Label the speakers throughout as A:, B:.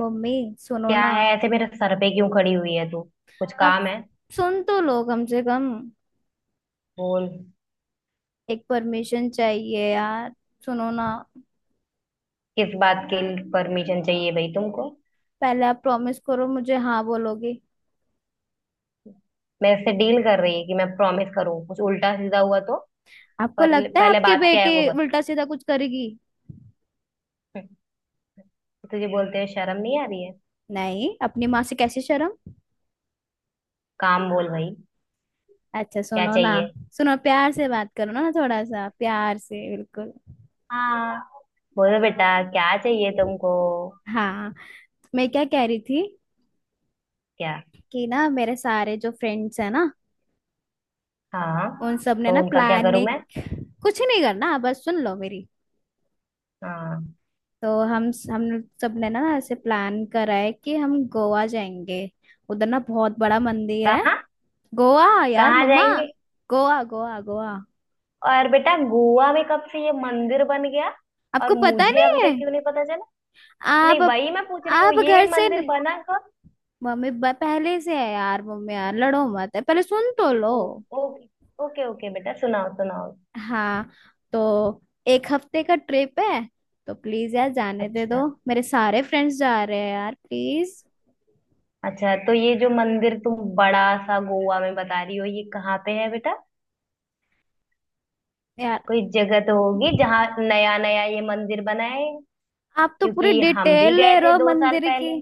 A: Mummy सुनो
B: क्या
A: ना।
B: है ऐसे मेरे सर पे क्यों खड़ी हुई है तू। कुछ
A: आप
B: काम है?
A: सुन तो लो कम से कम।
B: बोल।
A: एक परमिशन चाहिए यार। सुनो ना।
B: किस बात के लिए परमिशन चाहिए भाई तुमको?
A: पहले आप प्रॉमिस करो मुझे हाँ बोलोगे।
B: मेरे से डील कर रही है कि मैं प्रॉमिस करूँ कुछ उल्टा सीधा हुआ तो।
A: आपको
B: पर
A: लगता है
B: पहले
A: आपके
B: बात क्या है
A: बेटे
B: वो बता।
A: उल्टा सीधा कुछ करेगी।
B: तुझे बोलते हुए शर्म नहीं आ रही है?
A: नहीं अपनी माँ से कैसे शर्म।
B: काम बोल भाई।
A: अच्छा
B: क्या
A: सुनो ना।
B: चाहिए?
A: सुनो प्यार से बात करो ना थोड़ा सा प्यार से। बिल्कुल।
B: हाँ। बोलो बेटा क्या चाहिए तुमको?
A: हाँ। मैं क्या कह रही थी
B: क्या?
A: कि ना मेरे सारे जो फ्रेंड्स हैं ना,
B: हाँ।
A: उन सब ने
B: तो
A: ना
B: उनका क्या
A: प्लान
B: करूं
A: ने।
B: मैं?
A: कुछ नहीं करना बस सुन लो मेरी।
B: हाँ।
A: तो हम सब ने ना ऐसे प्लान करा है कि हम गोवा जाएंगे। उधर ना बहुत बड़ा मंदिर है।
B: कहाँ?
A: गोवा। यार
B: कहाँ
A: मम्मा।
B: जाएंगे?
A: गोवा गोवा गोवा।
B: और बेटा गोवा में कब से ये मंदिर बन गया? और
A: आपको पता
B: मुझे अभी
A: नहीं है।
B: तक क्यों नहीं पता? नहीं
A: आप।
B: वही मैं पूछ रही हूँ
A: आप
B: ये
A: घर से।
B: मंदिर बना कब?
A: मम्मी पहले से है यार मम्मी, यार लड़ो मत है पहले सुन तो लो।
B: ओ। ओके। ओके ओके बेटा सुनाओ सुनाओ।
A: हाँ। तो 1 हफ्ते का ट्रिप है। तो प्लीज यार जाने दे
B: अच्छा।
A: दो, मेरे सारे फ्रेंड्स जा रहे हैं यार, प्लीज।
B: अच्छा तो ये जो मंदिर तुम बड़ा सा गोवा में बता रही हो ये कहाँ पे है बेटा?
A: यार।
B: कोई जगह तो होगी जहाँ नया नया ये मंदिर बना है।
A: आप तो पूरी
B: क्योंकि हम भी
A: डिटेल
B: गए
A: ले रहे
B: थे
A: हो
B: 2 साल
A: मंदिर की।
B: पहले।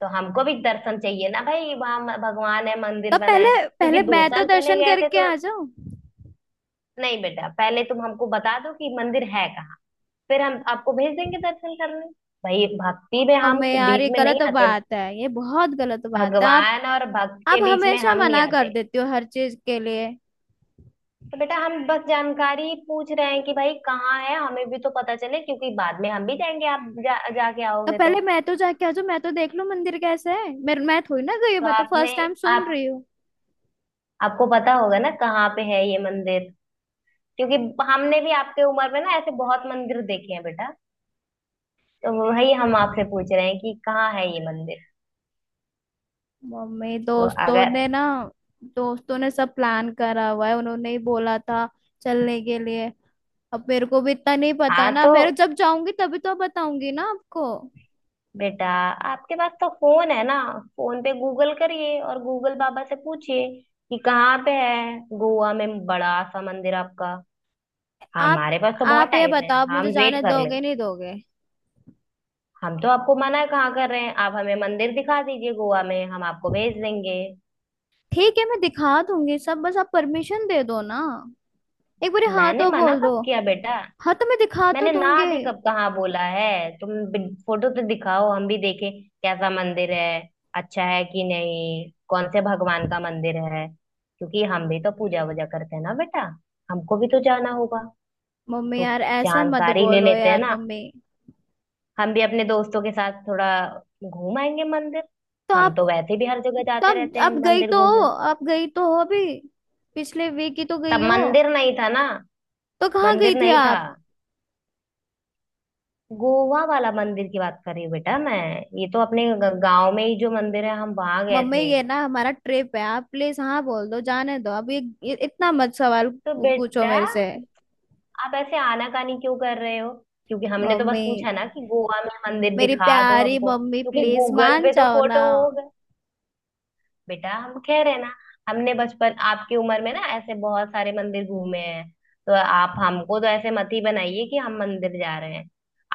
B: तो हमको भी दर्शन चाहिए ना भाई वहाँ भगवान है मंदिर
A: तब
B: बना
A: पहले,
B: है क्योंकि
A: पहले
B: दो
A: मैं तो
B: साल पहले
A: दर्शन
B: गए थे
A: करके
B: तो।
A: आ जाऊं।
B: नहीं बेटा पहले तुम हमको बता दो कि मंदिर है। फिर हम आपको भेज देंगे दर्शन करने। भाई भक्ति में
A: अब
B: हम
A: मैं, यार ये
B: बीच में नहीं
A: गलत
B: आते।
A: बात है, ये बहुत गलत बात है आप।
B: भगवान और भक्त के
A: आप
B: बीच में
A: हमेशा
B: हम नहीं
A: मना कर
B: आते।
A: देती हो हर चीज के लिए।
B: तो बेटा हम बस जानकारी पूछ रहे हैं कि भाई कहाँ है हमें भी तो पता चले क्योंकि बाद में हम भी जाएंगे आप जाके
A: तो
B: आओगे तो।
A: पहले मैं तो जाके आ जाऊं, मैं तो देख लूं मंदिर कैसा है, मैं थोड़ी ना गई हूं,
B: तो
A: मैं तो
B: आपने।
A: फर्स्ट टाइम सुन
B: आप।
A: रही हूँ।
B: आपको पता होगा ना कहाँ पे है ये मंदिर? क्योंकि हमने भी आपके उम्र में ना ऐसे बहुत मंदिर देखे हैं बेटा। तो वही हम आपसे पूछ रहे हैं कि कहाँ है ये मंदिर।
A: मम्मी
B: तो
A: दोस्तों
B: अगर।
A: ने ना, दोस्तों ने सब प्लान करा हुआ है, उन्होंने ही बोला था चलने के लिए। अब मेरे को भी इतना नहीं पता
B: हाँ।
A: ना,
B: तो
A: मेरे जब जाऊंगी तभी तो बताऊंगी ना आपको।
B: बेटा आपके पास तो फोन है ना? फोन पे गूगल करिए और गूगल बाबा से पूछिए कि कहाँ पे है गोवा में बड़ा सा मंदिर आपका।
A: आप।
B: हमारे पास तो बहुत
A: आप ये
B: टाइम है
A: बताओ, आप
B: हम
A: मुझे
B: वेट
A: जाने
B: कर ले।
A: दोगे नहीं दोगे।
B: हम तो आपको मना कहाँ कर रहे हैं? आप हमें मंदिर दिखा दीजिए गोवा में हम आपको भेज देंगे।
A: ठीक है मैं दिखा दूंगी सब, बस आप परमिशन दे दो ना। एक बार हाँ
B: मैंने
A: तो
B: मना
A: बोल दो।
B: कब किया बेटा?
A: हाँ तो मैं दिखा तो
B: मैंने ना
A: दूंगी।
B: भी कब कहाँ बोला है? तुम फोटो तो दिखाओ हम भी देखें कैसा मंदिर है। अच्छा है कि नहीं? कौन से भगवान का मंदिर है? क्योंकि हम भी तो पूजा वूजा करते हैं ना बेटा। हमको भी तो जाना होगा।
A: मम्मी
B: तो
A: यार ऐसा मत
B: जानकारी ले
A: बोलो
B: लेते हैं
A: यार
B: ना।
A: मम्मी।
B: हम भी अपने दोस्तों के साथ थोड़ा घूम आएंगे मंदिर।
A: तो
B: हम
A: आप,
B: तो वैसे भी हर जगह जाते
A: तब
B: रहते हैं
A: आप गई
B: मंदिर
A: तो हो,
B: घूमने।
A: आप गई तो हो अभी, पिछले वीक ही तो गई
B: तब
A: हो।
B: मंदिर नहीं था ना।
A: तो कहाँ गई
B: मंदिर
A: थी
B: नहीं था।
A: आप।
B: गोवा वाला मंदिर की बात कर रही हूँ बेटा मैं। ये तो अपने गांव में ही जो मंदिर है हम वहां गए
A: मम्मी
B: थे।
A: ये ना हमारा ट्रिप है, आप प्लीज हाँ बोल दो जाने दो, अब ये इतना मत सवाल
B: तो
A: पूछो
B: बेटा
A: मेरे से।
B: आप ऐसे आनाकानी क्यों कर रहे हो? क्योंकि हमने तो बस
A: मम्मी
B: पूछा ना कि गोवा में मंदिर
A: मेरी
B: दिखा दो
A: प्यारी
B: हमको
A: मम्मी
B: क्योंकि
A: प्लीज
B: गूगल
A: मान
B: पे तो
A: जाओ ना।
B: फोटो होगा। बेटा हम कह रहे हैं ना। हमने बचपन आपकी उम्र में ना ऐसे बहुत सारे मंदिर घूमे हैं। तो आप हमको तो ऐसे मत ही बनाइए कि हम मंदिर जा रहे हैं।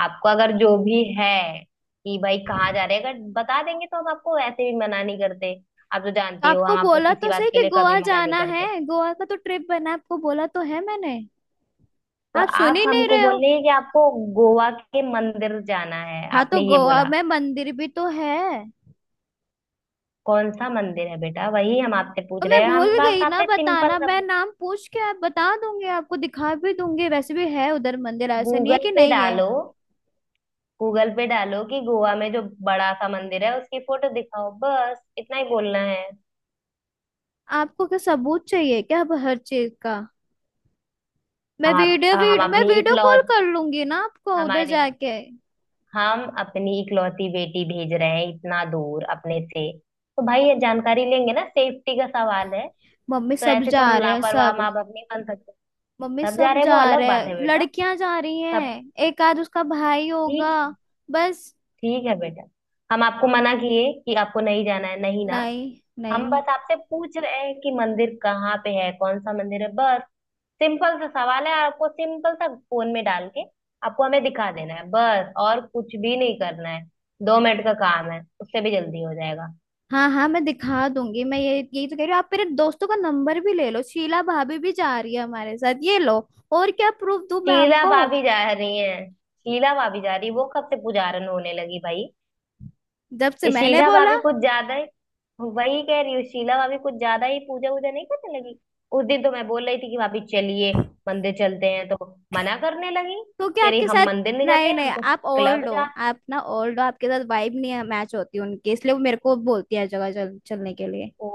B: आपको अगर जो भी है कि भाई कहाँ जा रहे हैं अगर बता देंगे तो हम आपको ऐसे भी मना नहीं करते। आप तो
A: तो
B: जानती हो
A: आपको
B: हम आपको
A: बोला
B: किसी
A: तो
B: बात
A: सही
B: के
A: कि
B: लिए
A: गोवा
B: कभी मना नहीं
A: जाना है,
B: करते।
A: गोवा का तो ट्रिप बना है, आपको बोला तो है मैंने।
B: तो
A: आप सुन
B: आप
A: ही नहीं
B: हमको
A: रहे हो।
B: बोल रही है कि आपको गोवा के मंदिर जाना है
A: हाँ तो
B: आपने ये
A: गोवा
B: बोला?
A: में मंदिर भी तो है।
B: कौन सा मंदिर है बेटा वही हम आपसे
A: तो
B: पूछ
A: मैं
B: रहे हैं। हम
A: भूल
B: बस
A: गई
B: आप
A: ना
B: सिंपल
A: बताना,
B: सा
A: मैं
B: पूछ-
A: नाम पूछ के आप बता दूंगी, आपको दिखा भी दूंगी, वैसे भी है उधर मंदिर, ऐसा नहीं है
B: गूगल
A: कि
B: पे
A: नहीं है।
B: डालो। गूगल पे डालो कि गोवा में जो बड़ा सा मंदिर है उसकी फोटो दिखाओ बस इतना ही बोलना है।
A: आपको क्या सबूत चाहिए क्या अब हर चीज का। मैं
B: हम आप
A: वीडियो
B: हम
A: वीडियो मैं
B: अपनी
A: वीडियो कॉल
B: इकलौत
A: कर लूंगी ना आपको उधर
B: हमारे
A: जाके।
B: हम अपनी इकलौती बेटी भेज रहे हैं इतना दूर अपने से। तो भाई ये जानकारी लेंगे ना सेफ्टी का सवाल है।
A: मम्मी
B: तो
A: सब
B: ऐसे तो
A: जा
B: हम
A: रहे हैं
B: लापरवाह
A: सब।
B: माँ बाप नहीं बन सकते।
A: मम्मी
B: सब जा
A: सब
B: रहे हैं
A: जा
B: वो अलग
A: रहे
B: बात है
A: हैं,
B: बेटा।
A: लड़कियां जा रही
B: सब
A: हैं, एक आध उसका भाई होगा।
B: ठीक।
A: बस।
B: ठीक है बेटा। हम आपको मना किए कि आपको नहीं जाना है? नहीं ना।
A: नहीं।
B: हम
A: नहीं।
B: बस आपसे पूछ रहे हैं कि मंदिर कहाँ पे है कौन सा मंदिर है बस। सिंपल सा सवाल है। आपको सिंपल सा फोन में डाल के आपको हमें दिखा देना है बस और कुछ भी नहीं करना है। 2 मिनट का काम है उससे भी जल्दी हो जाएगा।
A: हाँ हाँ मैं दिखा दूंगी, मैं ये यही तो कह रही हूँ, आप मेरे दोस्तों का नंबर भी ले लो, शीला भाभी भी जा रही है हमारे साथ, ये लो। और क्या प्रूफ दूं मैं
B: शीला
A: आपको।
B: भाभी जा रही है? शीला भाभी जा रही वो कब से पुजारन होने लगी भाई?
A: जब से
B: ये
A: मैंने
B: शीला
A: बोला।
B: भाभी कुछ ज्यादा ही। वही कह रही हूँ शीला भाभी कुछ ज्यादा ही पूजा वूजा नहीं करने लगी। उस दिन तो मैं बोल रही थी कि भाभी चलिए मंदिर चलते हैं तो मना करने लगी।
A: तो क्या
B: कह रही
A: आपके
B: हम
A: साथ।
B: मंदिर नहीं जाते
A: नहीं नहीं
B: हम तो
A: आप
B: क्लब
A: ओल्ड हो।
B: जा।
A: आप ना ओल्ड हो, आपके साथ वाइब नहीं मैच होती उनकी, इसलिए वो मेरे को बोलती है हर जगह चलने के लिए।
B: ओ।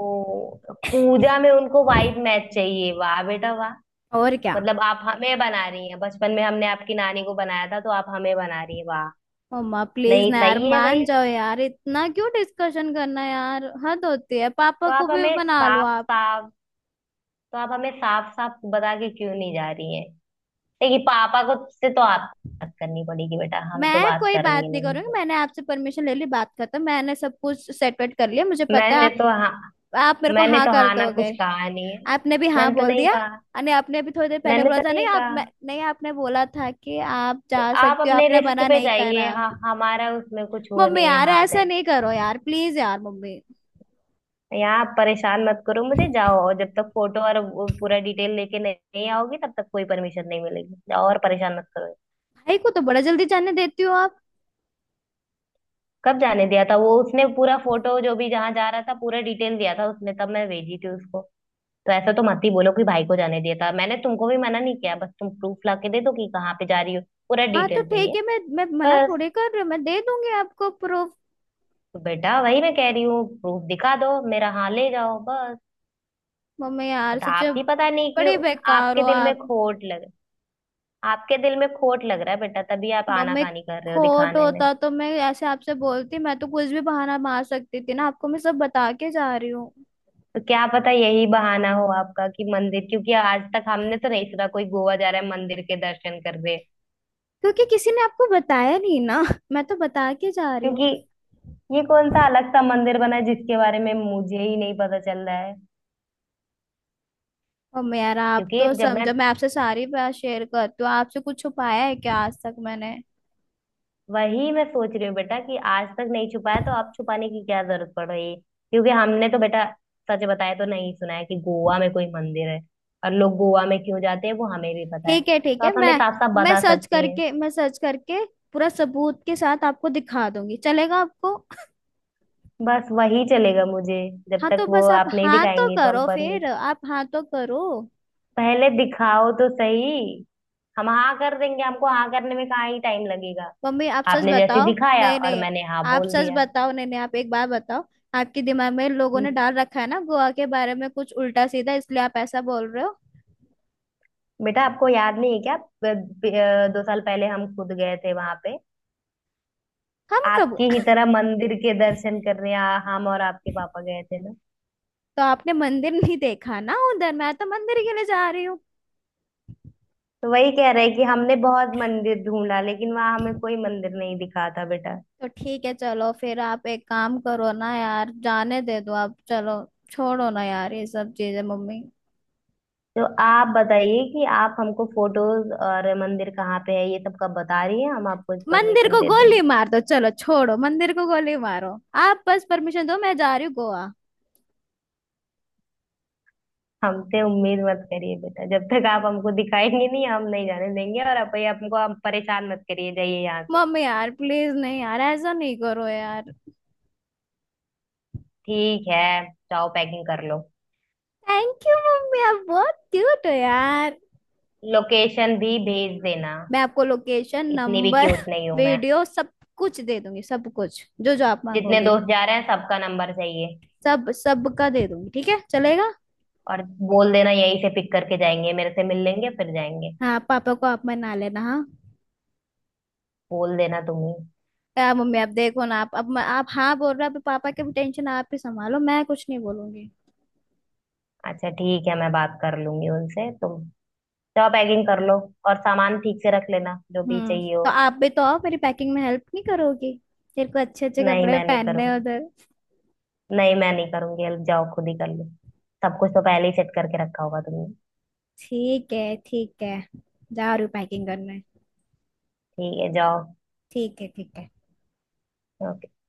B: पूजा में उनको वाइट मैच चाहिए? वाह बेटा वाह।
A: और क्या।
B: मतलब आप हमें बना रही हैं? बचपन में हमने आपकी नानी को बनाया था तो आप हमें बना रही हैं। वाह।
A: मम्मा प्लीज
B: नहीं
A: ना यार
B: सही है
A: मान
B: भाई।
A: जाओ यार, इतना क्यों डिस्कशन करना यार, हद होती है, पापा
B: तो
A: को
B: आप
A: भी
B: हमें
A: बना लो
B: साफ
A: आप।
B: साफ तो आप हमें साफ साफ बता के क्यों नहीं जा रही हैं? देखिए पापा को से तो आप बात करनी पड़ेगी बेटा। हम तो
A: मैं
B: बात
A: कोई बात
B: करेंगे
A: नहीं
B: नहीं
A: करूंगी,
B: उनसे।
A: मैंने आपसे परमिशन ले ली, बात करता मैंने सब कुछ सेट वेट कर लिया, मुझे पता है
B: मैंने तो हाँ
A: आप मेरे को
B: मैंने
A: हाँ
B: तो
A: कर
B: हाँ ना
A: दोगे।
B: कुछ कहा नहीं है।
A: आपने भी हाँ
B: मैंने तो
A: बोल
B: नहीं
A: दिया।
B: कहा।
A: अरे आपने भी थोड़ी देर पहले
B: मैंने
A: बोला
B: तो
A: था,
B: नहीं कहा।
A: नहीं आपने बोला था कि आप
B: तो
A: जा
B: आप
A: सकती हो,
B: अपने
A: आपने
B: रिस्क
A: मना
B: पे
A: नहीं
B: जाइए
A: करा।
B: हाँ। हमारा उसमें कुछ वो
A: मम्मी
B: नहीं है
A: यार
B: हाथ
A: ऐसा
B: है।
A: नहीं करो यार प्लीज यार मम्मी।
B: यहाँ आप परेशान मत करो मुझे। जाओ। और जब तक फोटो और वो पूरा डिटेल लेके नहीं नहीं आओगी तब तक कोई परमिशन नहीं मिलेगी। जाओ और परेशान मत करो।
A: भाई को तो बड़ा जल्दी जाने देती हो आप।
B: कब जाने दिया था? वो उसने पूरा फोटो जो भी जहाँ जा रहा था पूरा डिटेल दिया था उसने तब मैं भेजी थी उसको। तो ऐसा तो मत ही बोलो कि भाई को जाने दिया था। मैंने तुमको भी मना नहीं किया बस तुम प्रूफ ला के दे दो कि कहाँ पे जा रही हो। पूरा
A: हाँ तो
B: डिटेल
A: ठीक
B: चाहिए
A: है, मैं मना
B: बस।
A: थोड़े कर रही हूँ, मैं दे दूंगी आपको प्रूफ।
B: तो बेटा वही मैं कह रही हूँ प्रूफ दिखा दो मेरा हाँ ले जाओ बस।
A: मम्मी यार
B: बट
A: सच
B: आप
A: में
B: ही पता नहीं क्यों।
A: बड़े बेकार
B: आपके
A: हो
B: दिल में
A: आप।
B: खोट लग आपके दिल में खोट लग रहा है बेटा तभी आप
A: मम्मी
B: आनाकानी कर रहे हो
A: खोट
B: दिखाने में।
A: होता तो मैं ऐसे आपसे बोलती, मैं तो कुछ भी बहाना मार सकती थी ना आपको, मैं सब बता के जा रही हूँ।
B: तो क्या पता यही बहाना हो आपका कि मंदिर क्योंकि आज तक हमने तो नहीं सुना कोई गोवा जा रहा है मंदिर के दर्शन कर रहे।
A: क्योंकि किसी ने आपको बताया नहीं ना मैं तो बता के जा रही
B: क्योंकि
A: हूँ।
B: ये कौन सा अलग सा मंदिर बना है जिसके बारे में मुझे ही नहीं पता चल रहा है?
A: मम्मी यार आप
B: क्योंकि
A: तो
B: जब मैं
A: समझो, मैं आपसे सारी बात शेयर करती हूँ, आपसे कुछ छुपाया है क्या आज तक मैंने।
B: वही मैं सोच रही हूँ बेटा कि आज तक नहीं छुपाया तो अब छुपाने की क्या जरूरत पड़ रही है। क्योंकि हमने तो बेटा सच बताया तो नहीं सुना है कि गोवा में कोई मंदिर है। और लोग गोवा में क्यों जाते हैं वो हमें भी पता है।
A: ठीक है ठीक
B: तो
A: है,
B: आप हमें
A: मैं
B: साफ साफ
A: मैं
B: बता
A: सर्च
B: सकती हैं।
A: करके मैं सर्च करके पूरा सबूत के साथ आपको दिखा दूंगी, चलेगा आपको।
B: बस वही चलेगा मुझे। जब
A: हाँ तो
B: तक वो
A: बस आप
B: आप नहीं
A: हाँ तो
B: दिखाएंगे तो हम
A: करो,
B: पर
A: फिर आप हाँ तो करो।
B: पहले दिखाओ तो सही। हम हाँ कर देंगे हमको हाँ करने में कहाँ ही टाइम लगेगा?
A: मम्मी आप सच
B: आपने जैसे
A: बताओ।
B: दिखाया
A: नहीं
B: और
A: नहीं
B: मैंने हाँ
A: आप
B: बोल
A: सच
B: दिया।
A: बताओ, नहीं नहीं आप एक बार बताओ। आपके दिमाग में लोगों
B: हम्म,
A: ने डाल रखा है ना गोवा के बारे में कुछ उल्टा सीधा, इसलिए आप ऐसा बोल रहे हो।
B: बेटा आपको याद नहीं है क्या 2 साल पहले हम खुद गए थे वहां पे।
A: हम कब।
B: आपकी ही तरह मंदिर के दर्शन करने हम और आपके पापा गए थे ना।
A: तो आपने मंदिर नहीं देखा ना उधर, मैं तो मंदिर के लिए जा रही हूँ।
B: तो वही कह रहे हैं कि हमने बहुत मंदिर ढूंढा लेकिन वहां हमें कोई मंदिर नहीं दिखा था बेटा।
A: तो ठीक है चलो, फिर आप एक काम करो ना यार, जाने दे दो आप, चलो छोड़ो ना यार ये सब चीजें मम्मी।
B: तो आप बताइए कि आप हमको फोटोज और मंदिर कहाँ पे है ये सब कब बता रही हैं? हम आपको
A: मंदिर
B: परमिशन
A: को
B: दे
A: गोली
B: देंगे।
A: मार दो, चलो छोड़ो मंदिर को गोली मारो। आप बस परमिशन दो, मैं जा रही हूँ गोवा।
B: हमसे उम्मीद मत करिए बेटा। जब तक आप हमको दिखाएंगे नहीं हम नहीं जाने देंगे। और आप हमको आप परेशान मत करिए जाइए यहाँ से।
A: मम्मी यार प्लीज नहीं यार ऐसा नहीं करो यार।
B: ठीक है जाओ पैकिंग कर लो।
A: थैंक यू मम्मी आप बहुत क्यूट हो यार।
B: लोकेशन भी भेज देना।
A: मैं आपको लोकेशन,
B: इतनी भी
A: नंबर,
B: क्यूट नहीं हूं मैं।
A: वीडियो सब कुछ दे दूंगी, सब कुछ जो जो आप
B: जितने
A: मांगोगे।
B: दोस्त जा रहे हैं सबका नंबर चाहिए।
A: सब सब का दे दूंगी, ठीक है चलेगा।
B: और बोल देना यहीं से पिक करके जाएंगे मेरे से मिल लेंगे फिर जाएंगे।
A: हाँ पापा को आप मना लेना, हाँ।
B: बोल देना तुम ही।
A: यार मम्मी आप देखो ना, आप अब आप हाँ बोल रहे हो, आप पापा की टेंशन आप ही संभालो, मैं कुछ नहीं बोलूंगी।
B: अच्छा ठीक है मैं बात कर लूंगी उनसे। तुम जाओ पैकिंग कर लो। और सामान ठीक से रख लेना जो भी
A: हम्म,
B: चाहिए हो।
A: तो आप भी तो आओ, मेरी पैकिंग में हेल्प नहीं करोगी। तेरे को अच्छे अच्छे
B: नहीं
A: कपड़े
B: मैं नहीं
A: पहनने हैं
B: करूंगी।
A: उधर।
B: नहीं मैं नहीं करूंगी हेल्प। जाओ खुद ही कर लो। सब कुछ तो पहले ही सेट करके रखा होगा तुमने।
A: ठीक है ठीक है, जा रही हूँ पैकिंग करने।
B: ठीक है जाओ।
A: ठीक है ठीक है।
B: हाँ।